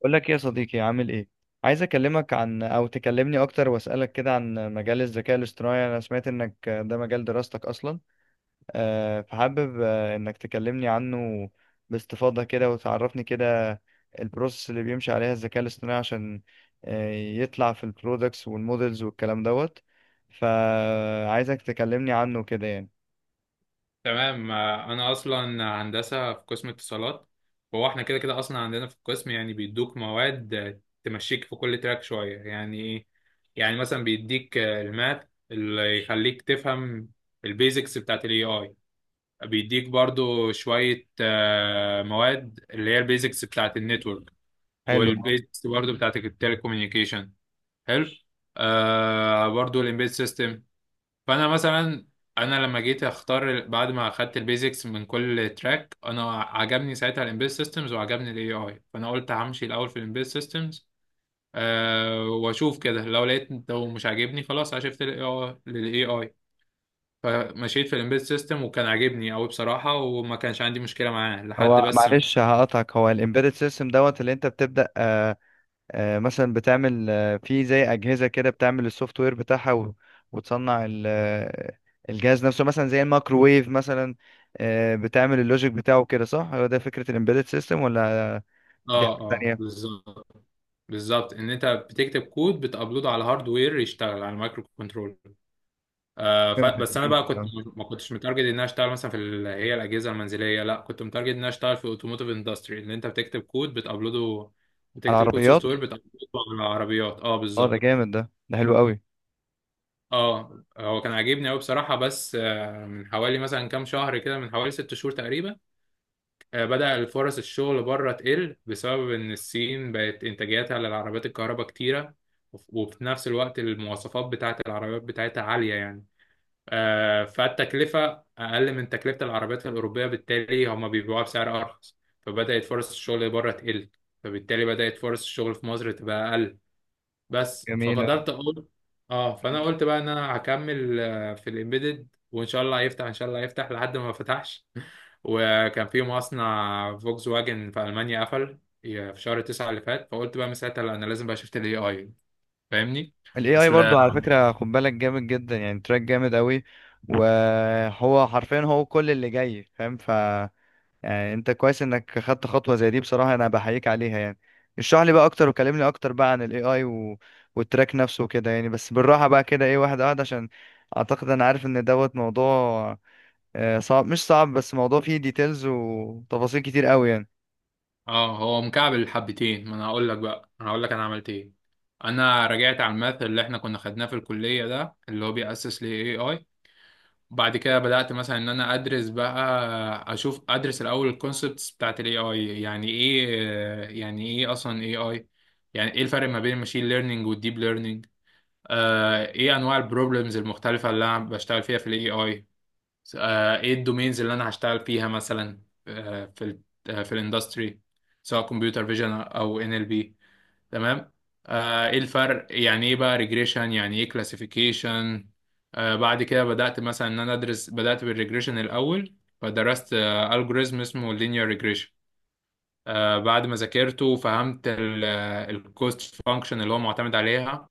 بقول لك إيه يا صديقي، عامل ايه؟ عايز اكلمك عن تكلمني اكتر واسالك كده عن مجال الذكاء الاصطناعي. انا سمعت انك ده مجال دراستك اصلا. فحابب انك تكلمني عنه باستفاضة كده، وتعرفني كده البروسيس اللي بيمشي عليها الذكاء الاصطناعي، عشان يطلع في البرودكتس والمودلز والكلام دوت. فعايزك تكلمني عنه كده يعني. تمام. انا اصلا هندسه في قسم اتصالات. هو احنا كده كده اصلا عندنا في القسم يعني بيدوك مواد تمشيك في كل تراك شويه، يعني ايه، يعني مثلا بيديك الماث اللي يخليك تفهم البيزكس بتاعت الاي اي، بيديك برضو شويه مواد اللي هي البيزكس بتاعت النتورك، حلو. والبيزكس برضو بتاعت التليكوميونيكيشن. حلو. آه، برضو الامبيد سيستم. فانا مثلا انا لما جيت اختار بعد ما اخدت البيزكس من كل تراك، انا عجبني ساعتها الامبيد سيستمز وعجبني الاي اي، فانا قلت همشي الاول في الامبيد سيستمز، أه، واشوف كده لو لقيت، لو مش عاجبني خلاص هشفت للاي اي. فمشيت في الامبيد سيستم وكان عاجبني قوي بصراحه، وما كانش عندي مشكله معاه لحد هو بس. معلش هقطعك، هو الامبيدد سيستم دوت اللي انت بتبدأ مثلا بتعمل في زي أجهزة كده، بتعمل السوفت وير بتاعها وتصنع الجهاز نفسه مثلا زي الميكروويف مثلا، بتعمل اللوجيك بتاعه كده، صح؟ هو ده فكرة الامبيدد سيستم ولا دي اه حاجة اه تانية؟ بالظبط. بالظبط، ان انت بتكتب كود بتابلوده على هاردوير يشتغل على المايكرو كنترول. آه، ف- فهمتك بس فهمتك اه، انا على بقى كنت فهمتك. ما كنتش متارجت ان انا اشتغل مثلا في هي الاجهزه المنزليه، لا كنت متارجت ان انا اشتغل في اوتوموتيف اندستري، ان انت بتكتب كود بتابلوده، بتكتب كود العربيات سوفت وير بالظبط. بتابلوده على العربيات. اه، اه، ده بالظبط. جامد، ده حلو قوي. اه، هو كان عاجبني قوي بصراحه، بس من حوالي مثلا كام شهر كده، من حوالي ست شهور تقريبا، بدأ الفرص الشغل بره تقل بسبب ان الصين بقت انتاجيتها للعربيات الكهرباء كتيره. وفي نفس الوقت المواصفات بتاعت العربيات بتاعتها عاليه يعني، فالتكلفة أقل من تكلفة العربيات الأوروبية، بالتالي هما بيبيعوها بسعر أرخص، فبدأت فرص الشغل بره تقل، فبالتالي بدأت فرص الشغل في مصر تبقى أقل. بس جميل اه. ففضلت أقول، أه، فأنا قلت بقى إن أنا هكمل في الإمبيدد، وإن شاء الله هيفتح، إن شاء الله هيفتح. لحد ما فتحش وكان في مصنع فولكس واجن في ألمانيا قفل في شهر تسعة اللي فات، فقلت بقى من ساعتها لا، أنا لازم بقى شفت ال AI. فاهمني؟ ال AI أصل، برضو على فكرة خد بالك، جامد جدا يعني، تراك جامد قوي، وهو حرفيا هو كل اللي جاي فاهم. يعني انت كويس انك خدت خطوة زي دي، بصراحة انا بحييك عليها يعني. اشرح لي بقى اكتر، وكلمني اكتر بقى عن الاي اي و... والتراك نفسه وكده يعني، بس بالراحة بقى كده، ايه، واحدة واحدة، عشان اعتقد انا عارف ان دوت موضوع صعب مش صعب، بس موضوع فيه ديتيلز وتفاصيل كتير قوي يعني. اه، هو مكعب الحبتين. ما انا هقول لك بقى انا هقول لك انا عملت ايه. انا رجعت على الماث اللي احنا كنا خدناه في الكليه، ده اللي هو بيأسس ل AI. بعد كده بدأت مثلا ان انا ادرس بقى، اشوف، ادرس الاول الكونسبتس بتاعت ال AI. يعني ايه، يعني ايه اصلا AI، يعني ايه الفرق ما بين الماشين ليرنينج والديب ليرنينج، آه، ايه انواع البروبلمز المختلفه اللي انا بشتغل فيها في ال AI، ايه الدومينز اللي انا هشتغل فيها مثلا، آه، في ال آه، في الاندستري، سواء كمبيوتر فيجن او ان ال بي، تمام، ايه الفرق، يعني ايه بقى ريجريشن، يعني ايه كلاسيفيكيشن. بعد كده بدأت مثلا ان انا ادرس، بدأت بالريجريشن الاول، فدرست الجوريزم اسمه لينير ريجريشن. بعد ما ذاكرته وفهمت الكوست فانكشن اللي هو معتمد عليها،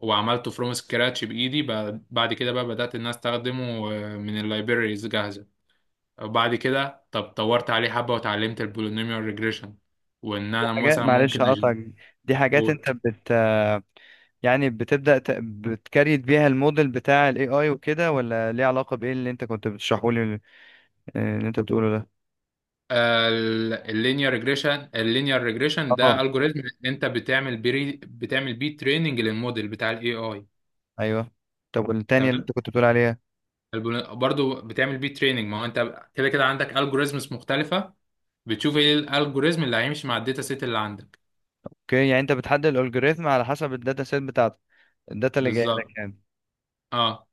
وعملته فروم سكراتش بايدي، بعد كده بقى بدأت ان انا استخدمه من اللايبريز جاهزة. وبعد كده، طب، طورت عليه حبة وتعلمت البولينوميال ريجريشن، وان دي انا حاجات مثلا ممكن معلش هقطعك، دي حاجات اقول، انت بت آه، يعني بتبدأ ت... بتكريت بيها الموديل بتاع الاي اي وكده، ولا ليه علاقة بايه اللي انت كنت بتشرحه لي، اللي انت بتقوله ده؟ اللينير ريجريشن ده اه، الجوريزم انت بتعمل بيه، بتعمل بيه تريننج للموديل بتاع الاي اي. ايوه. طب والتانية اللي تمام. انت كنت بتقول عليها؟ برضو بتعمل بيه تريننج، ما هو انت كده كده عندك الجوريزمز مختلفة، بتشوف ايه الالجوريزم اللي هيمشي مع الداتا سيت اللي عندك. اوكي، يعني انت بتحدد الالجوريثم على حسب الداتا سيت بتاعتك، الداتا اللي جايه بالظبط. لك يعني. اه.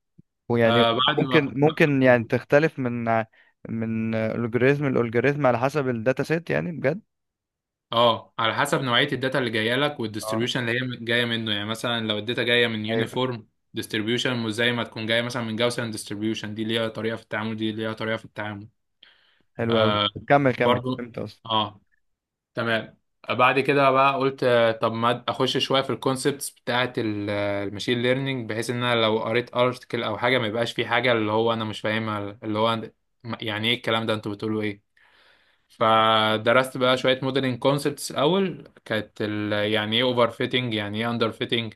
ويعني آه، بعد ما ممكن يعني تختلف من الجوريثم لالجوريثم على حسب الداتا سيت يعني، بجد؟ اه، على حسب نوعية الداتا اللي جاية لك اه، والديستريبيوشن اللي هي جاية منه. يعني مثلا لو الداتا جاية من ايوه. يونيفورم ديستريبيوشن، مش زي ما تكون جاية مثلا من جاوسن ديستريبيوشن، دي ليها طريقة في التعامل، دي ليها طريقة في التعامل. حلو قوي. آه. كمل كمل، برضو. فهمت اصلا. اه. تمام. بعد كده بقى قلت، آه، طب ما اخش شوية في الكونسبتس بتاعة الماشين ليرنينج، بحيث ان انا لو قريت ارتكل او حاجة ما يبقاش في حاجة اللي هو انا مش فاهمها، اللي هو يعني ايه الكلام ده، انتوا بتقولوا ايه. فدرست بقى شوية موديلنج كونسبتس. الأول كانت يعني إيه أوفر فيتنج، يعني إيه أندر فيتنج.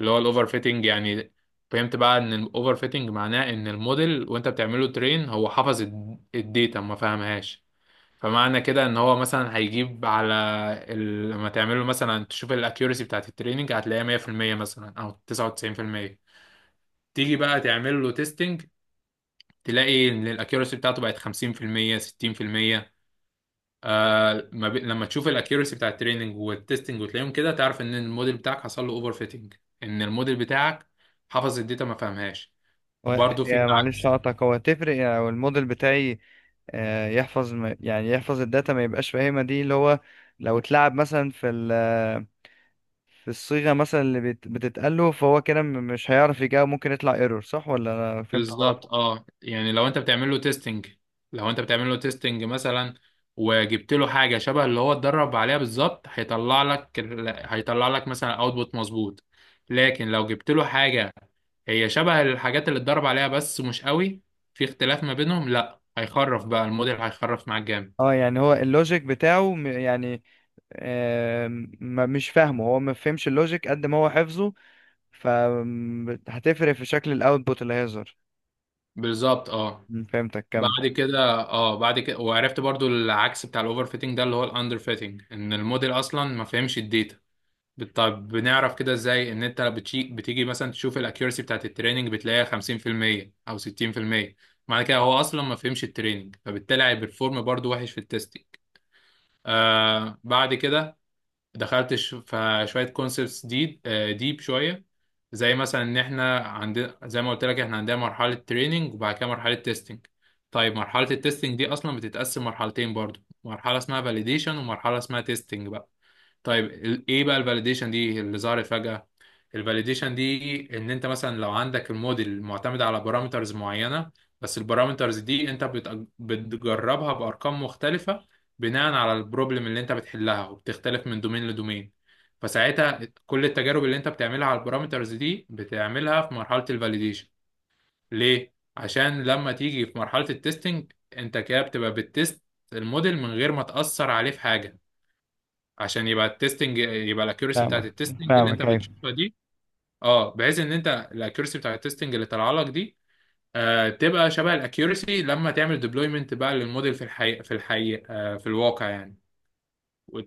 اللي هو الأوفر فيتنج يعني، فهمت بقى إن الأوفر فيتنج معناه إن الموديل وأنت بتعمله ترين، هو حفظ الداتا ما فهمهاش. فمعنى كده إن هو مثلا هيجيب على لما تعمله مثلا تشوف الأكيورسي بتاعت التريننج، هتلاقيها 100% مثلا، أو 99%. تيجي بقى تعمل له تيستنج، تلاقي إن الأكيورسي بتاعته بقت 50%، 60%. آه ما بي... لما تشوف الاكيورسي بتاع التريننج والتستنج وتلاقيهم كده، تعرف ان الموديل بتاعك حصل له اوفر فيتنج، ان الموديل بتاعك حفظ الداتا ما فهمهاش. هو، برضه في هي معلش العكس. هقطعك، هو تفرق يعني لو الموديل بتاعي يحفظ يعني يحفظ الداتا ما يبقاش فاهمها، دي اللي هو، لو اتلعب مثلا في الصيغة مثلا اللي بتتقال له، فهو كده مش هيعرف يجاوب، ممكن يطلع ايرور، صح ولا انا فهمت غلط؟ بالظبط. اه. يعني لو انت بتعمل له تيستنج، لو انت بتعمل له تيستنج مثلا وجبت له حاجه شبه اللي هو اتدرب عليها بالظبط، هيطلع لك هيطلع لك مثلا اوتبوت مظبوط. لكن لو جبت له حاجه هي شبه الحاجات اللي اتدرب عليها بس مش قوي، في اختلاف ما بينهم، لا هيخرف بقى الموديل، هيخرف معاك جامد. اه يعني هو اللوجيك بتاعه آه مش فاهمه، هو ما فهمش اللوجيك قد ما هو حفظه، فهتفرق في شكل الاوتبوت اللي هيظهر. بالظبط. اه. فهمتك، كمل. بعد كده، اه، بعد كده، وعرفت برضو العكس بتاع الاوفر فيتنج، ده اللي هو الاندر فيتنج، ان الموديل اصلا ما فهمش الداتا. طب بنعرف كده ازاي؟ ان انت بتيجي مثلا تشوف الاكيورسي بتاعت التريننج، بتلاقيها 50% او 60%. معنى كده هو اصلا ما فهمش التريننج، فبالتالي هيبرفورم برضو وحش في التستنج. آه. بعد كده دخلت في شويه كونسبتس دي ديب شويه. زي مثلا ان احنا عندنا، زي ما قلت لك، احنا عندنا مرحله تريننج وبعد كده مرحله تيستنج. طيب مرحله التيستنج دي اصلا بتتقسم مرحلتين برضو، مرحله اسمها فاليديشن ومرحله اسمها تيستنج. طيب ايه بقى الفاليديشن دي اللي ظهرت فجأة؟ الفاليديشن دي، ان انت مثلا لو عندك الموديل معتمد على بارامترز معينة، بس البارامترز دي انت بتجربها بارقام مختلفة بناء على البروبلم اللي انت بتحلها، وبتختلف من دومين لدومين. فساعتها كل التجارب اللي انت بتعملها على البارامترز دي بتعملها في مرحلة الفاليديشن. ليه؟ عشان لما تيجي في مرحلة التستنج، انت كده بتبقى بتست الموديل من غير ما تأثر عليه في حاجة، عشان يبقى التستنج، يبقى الاكيورسي فاهمك بتاعت التستنج اللي انت فاهمك، ايوه. بتشوفها دي، اه، بحيث ان انت الاكيورسي بتاعت التستنج اللي طالعه لك دي، آه، تبقى شبه الاكيورسي لما تعمل ديبلويمنت بقى للموديل في الحقيقه، في الحقيقه، آه، في الواقع يعني. و-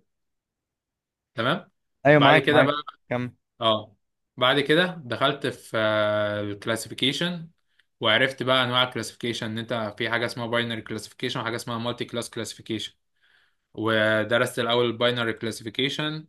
تمام. ايوه، بعد معاك كده معاك، بقى، كمل. اه، بعد كده دخلت في الكلاسيفيكيشن. وعرفت بقى انواع الكلاسيفيكيشن، ان انت في حاجه اسمها باينري كلاسيفيكيشن وحاجه اسمها مالتي كلاس كلاسيفيكيشن. ودرست الاول الباينري كلاسيفيكيشن،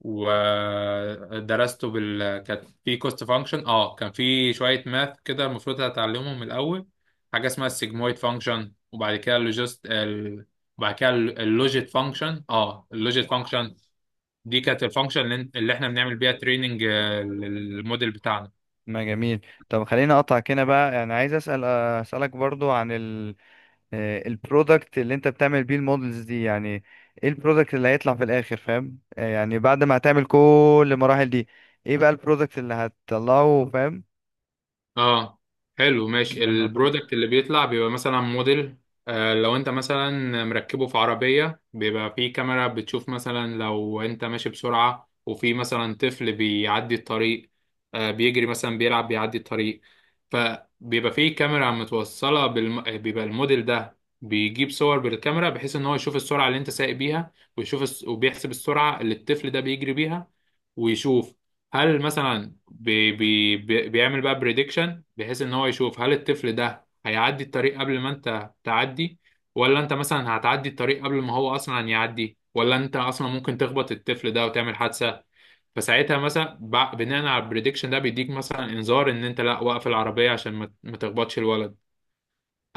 ودرسته بال، كانت في كوست فانكشن. اه، كان في شويه ماث كده المفروض هتعلمهم الاول، حاجه اسمها السيجمويد فانكشن، وبعد كده اللوجيت فانكشن. اه، اللوجيت فانكشن دي كانت الفانكشن اللي اللي احنا بنعمل بيها تريننج للموديل بتاعنا. ما جميل. طب خليني اقطعك هنا بقى، يعني عايز اسالك برضو عن ال البرودكت اللي انت بتعمل بيه المودلز دي يعني، ايه البرودكت اللي هيطلع في الاخر فاهم، يعني بعد ما هتعمل كل المراحل دي، ايه بقى البرودكت اللي هتطلعه فاهم؟ اه. حلو، ماشي. النقطة دي. البرودكت اللي بيطلع بيبقى مثلا موديل، آه، لو انت مثلا مركبه في عربية، بيبقى فيه كاميرا بتشوف مثلا لو انت ماشي بسرعة وفي مثلا طفل بيعدي الطريق، آه، بيجري مثلا بيلعب بيعدي الطريق، فبيبقى فيه كاميرا متوصلة بالم... آه، بيبقى الموديل ده بيجيب صور بالكاميرا بحيث ان هو يشوف السرعة اللي انت سايق بيها، وبيحسب السرعة اللي الطفل ده بيجري بيها، ويشوف هل مثلا بيعمل بقى بريدكشن، بحيث ان هو يشوف هل الطفل ده هيعدي الطريق قبل ما انت تعدي، ولا انت مثلا هتعدي الطريق قبل ما هو اصلا يعدي، ولا انت اصلا ممكن تخبط الطفل ده وتعمل حادثة. فساعتها مثلا، بناء على البريدكشن ده، بيديك مثلا انذار ان انت لا، وقف العربية عشان ما تخبطش الولد،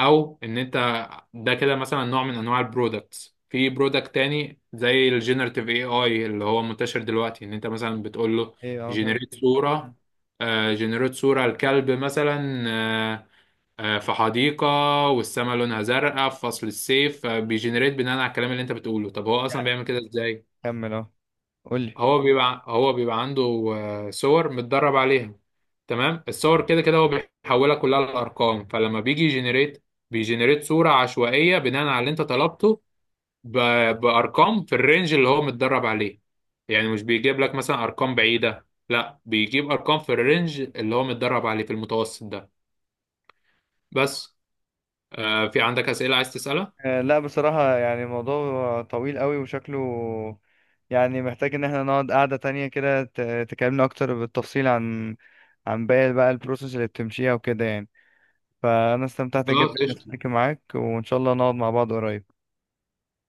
او ان انت. ده كده مثلا نوع من انواع البرودكتس. في برودكت تاني زي الجينيراتيف اي اي اللي هو منتشر دلوقتي، ان انت مثلا بتقول له ايه اه فاهم. جنريت صورة، مم. آه، جنريت صورة الكلب مثلا، في حديقة والسماء لونها زرقاء في فصل الصيف، بيجنريت بناء على الكلام اللي انت بتقوله. طب هو اصلا يعني بيعمل كده ازاي؟ كمل اه، قولي. هو بيبقى عنده صور متدرب عليها، تمام، الصور كده كده هو بيحولها كلها لارقام، فلما بيجي يجنريت، بيجنريت صورة عشوائية بناء على اللي انت طلبته ب... بارقام في الرينج اللي هو متدرب عليه. يعني مش بيجيب لك مثلا ارقام بعيدة، لا، بيجيب ارقام في الرينج اللي هو متدرب عليه في المتوسط ده. بس. آه، في عندك اسئلة عايز تسألها؟ لا بصراحة يعني الموضوع طويل قوي وشكله، يعني محتاج ان احنا نقعد قعدة تانية كده، تكلمنا اكتر بالتفصيل عن باقي بقى البروسيس اللي بتمشيها وكده يعني. فانا استمتعت خلاص، جدا اني قشطة. أتحدث معاك، وان شاء الله نقعد مع بعض قريب.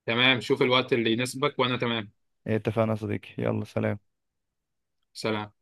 تمام، شوف الوقت اللي يناسبك وانا تمام. اتفقنا يا صديقي، يلا سلام. سلام.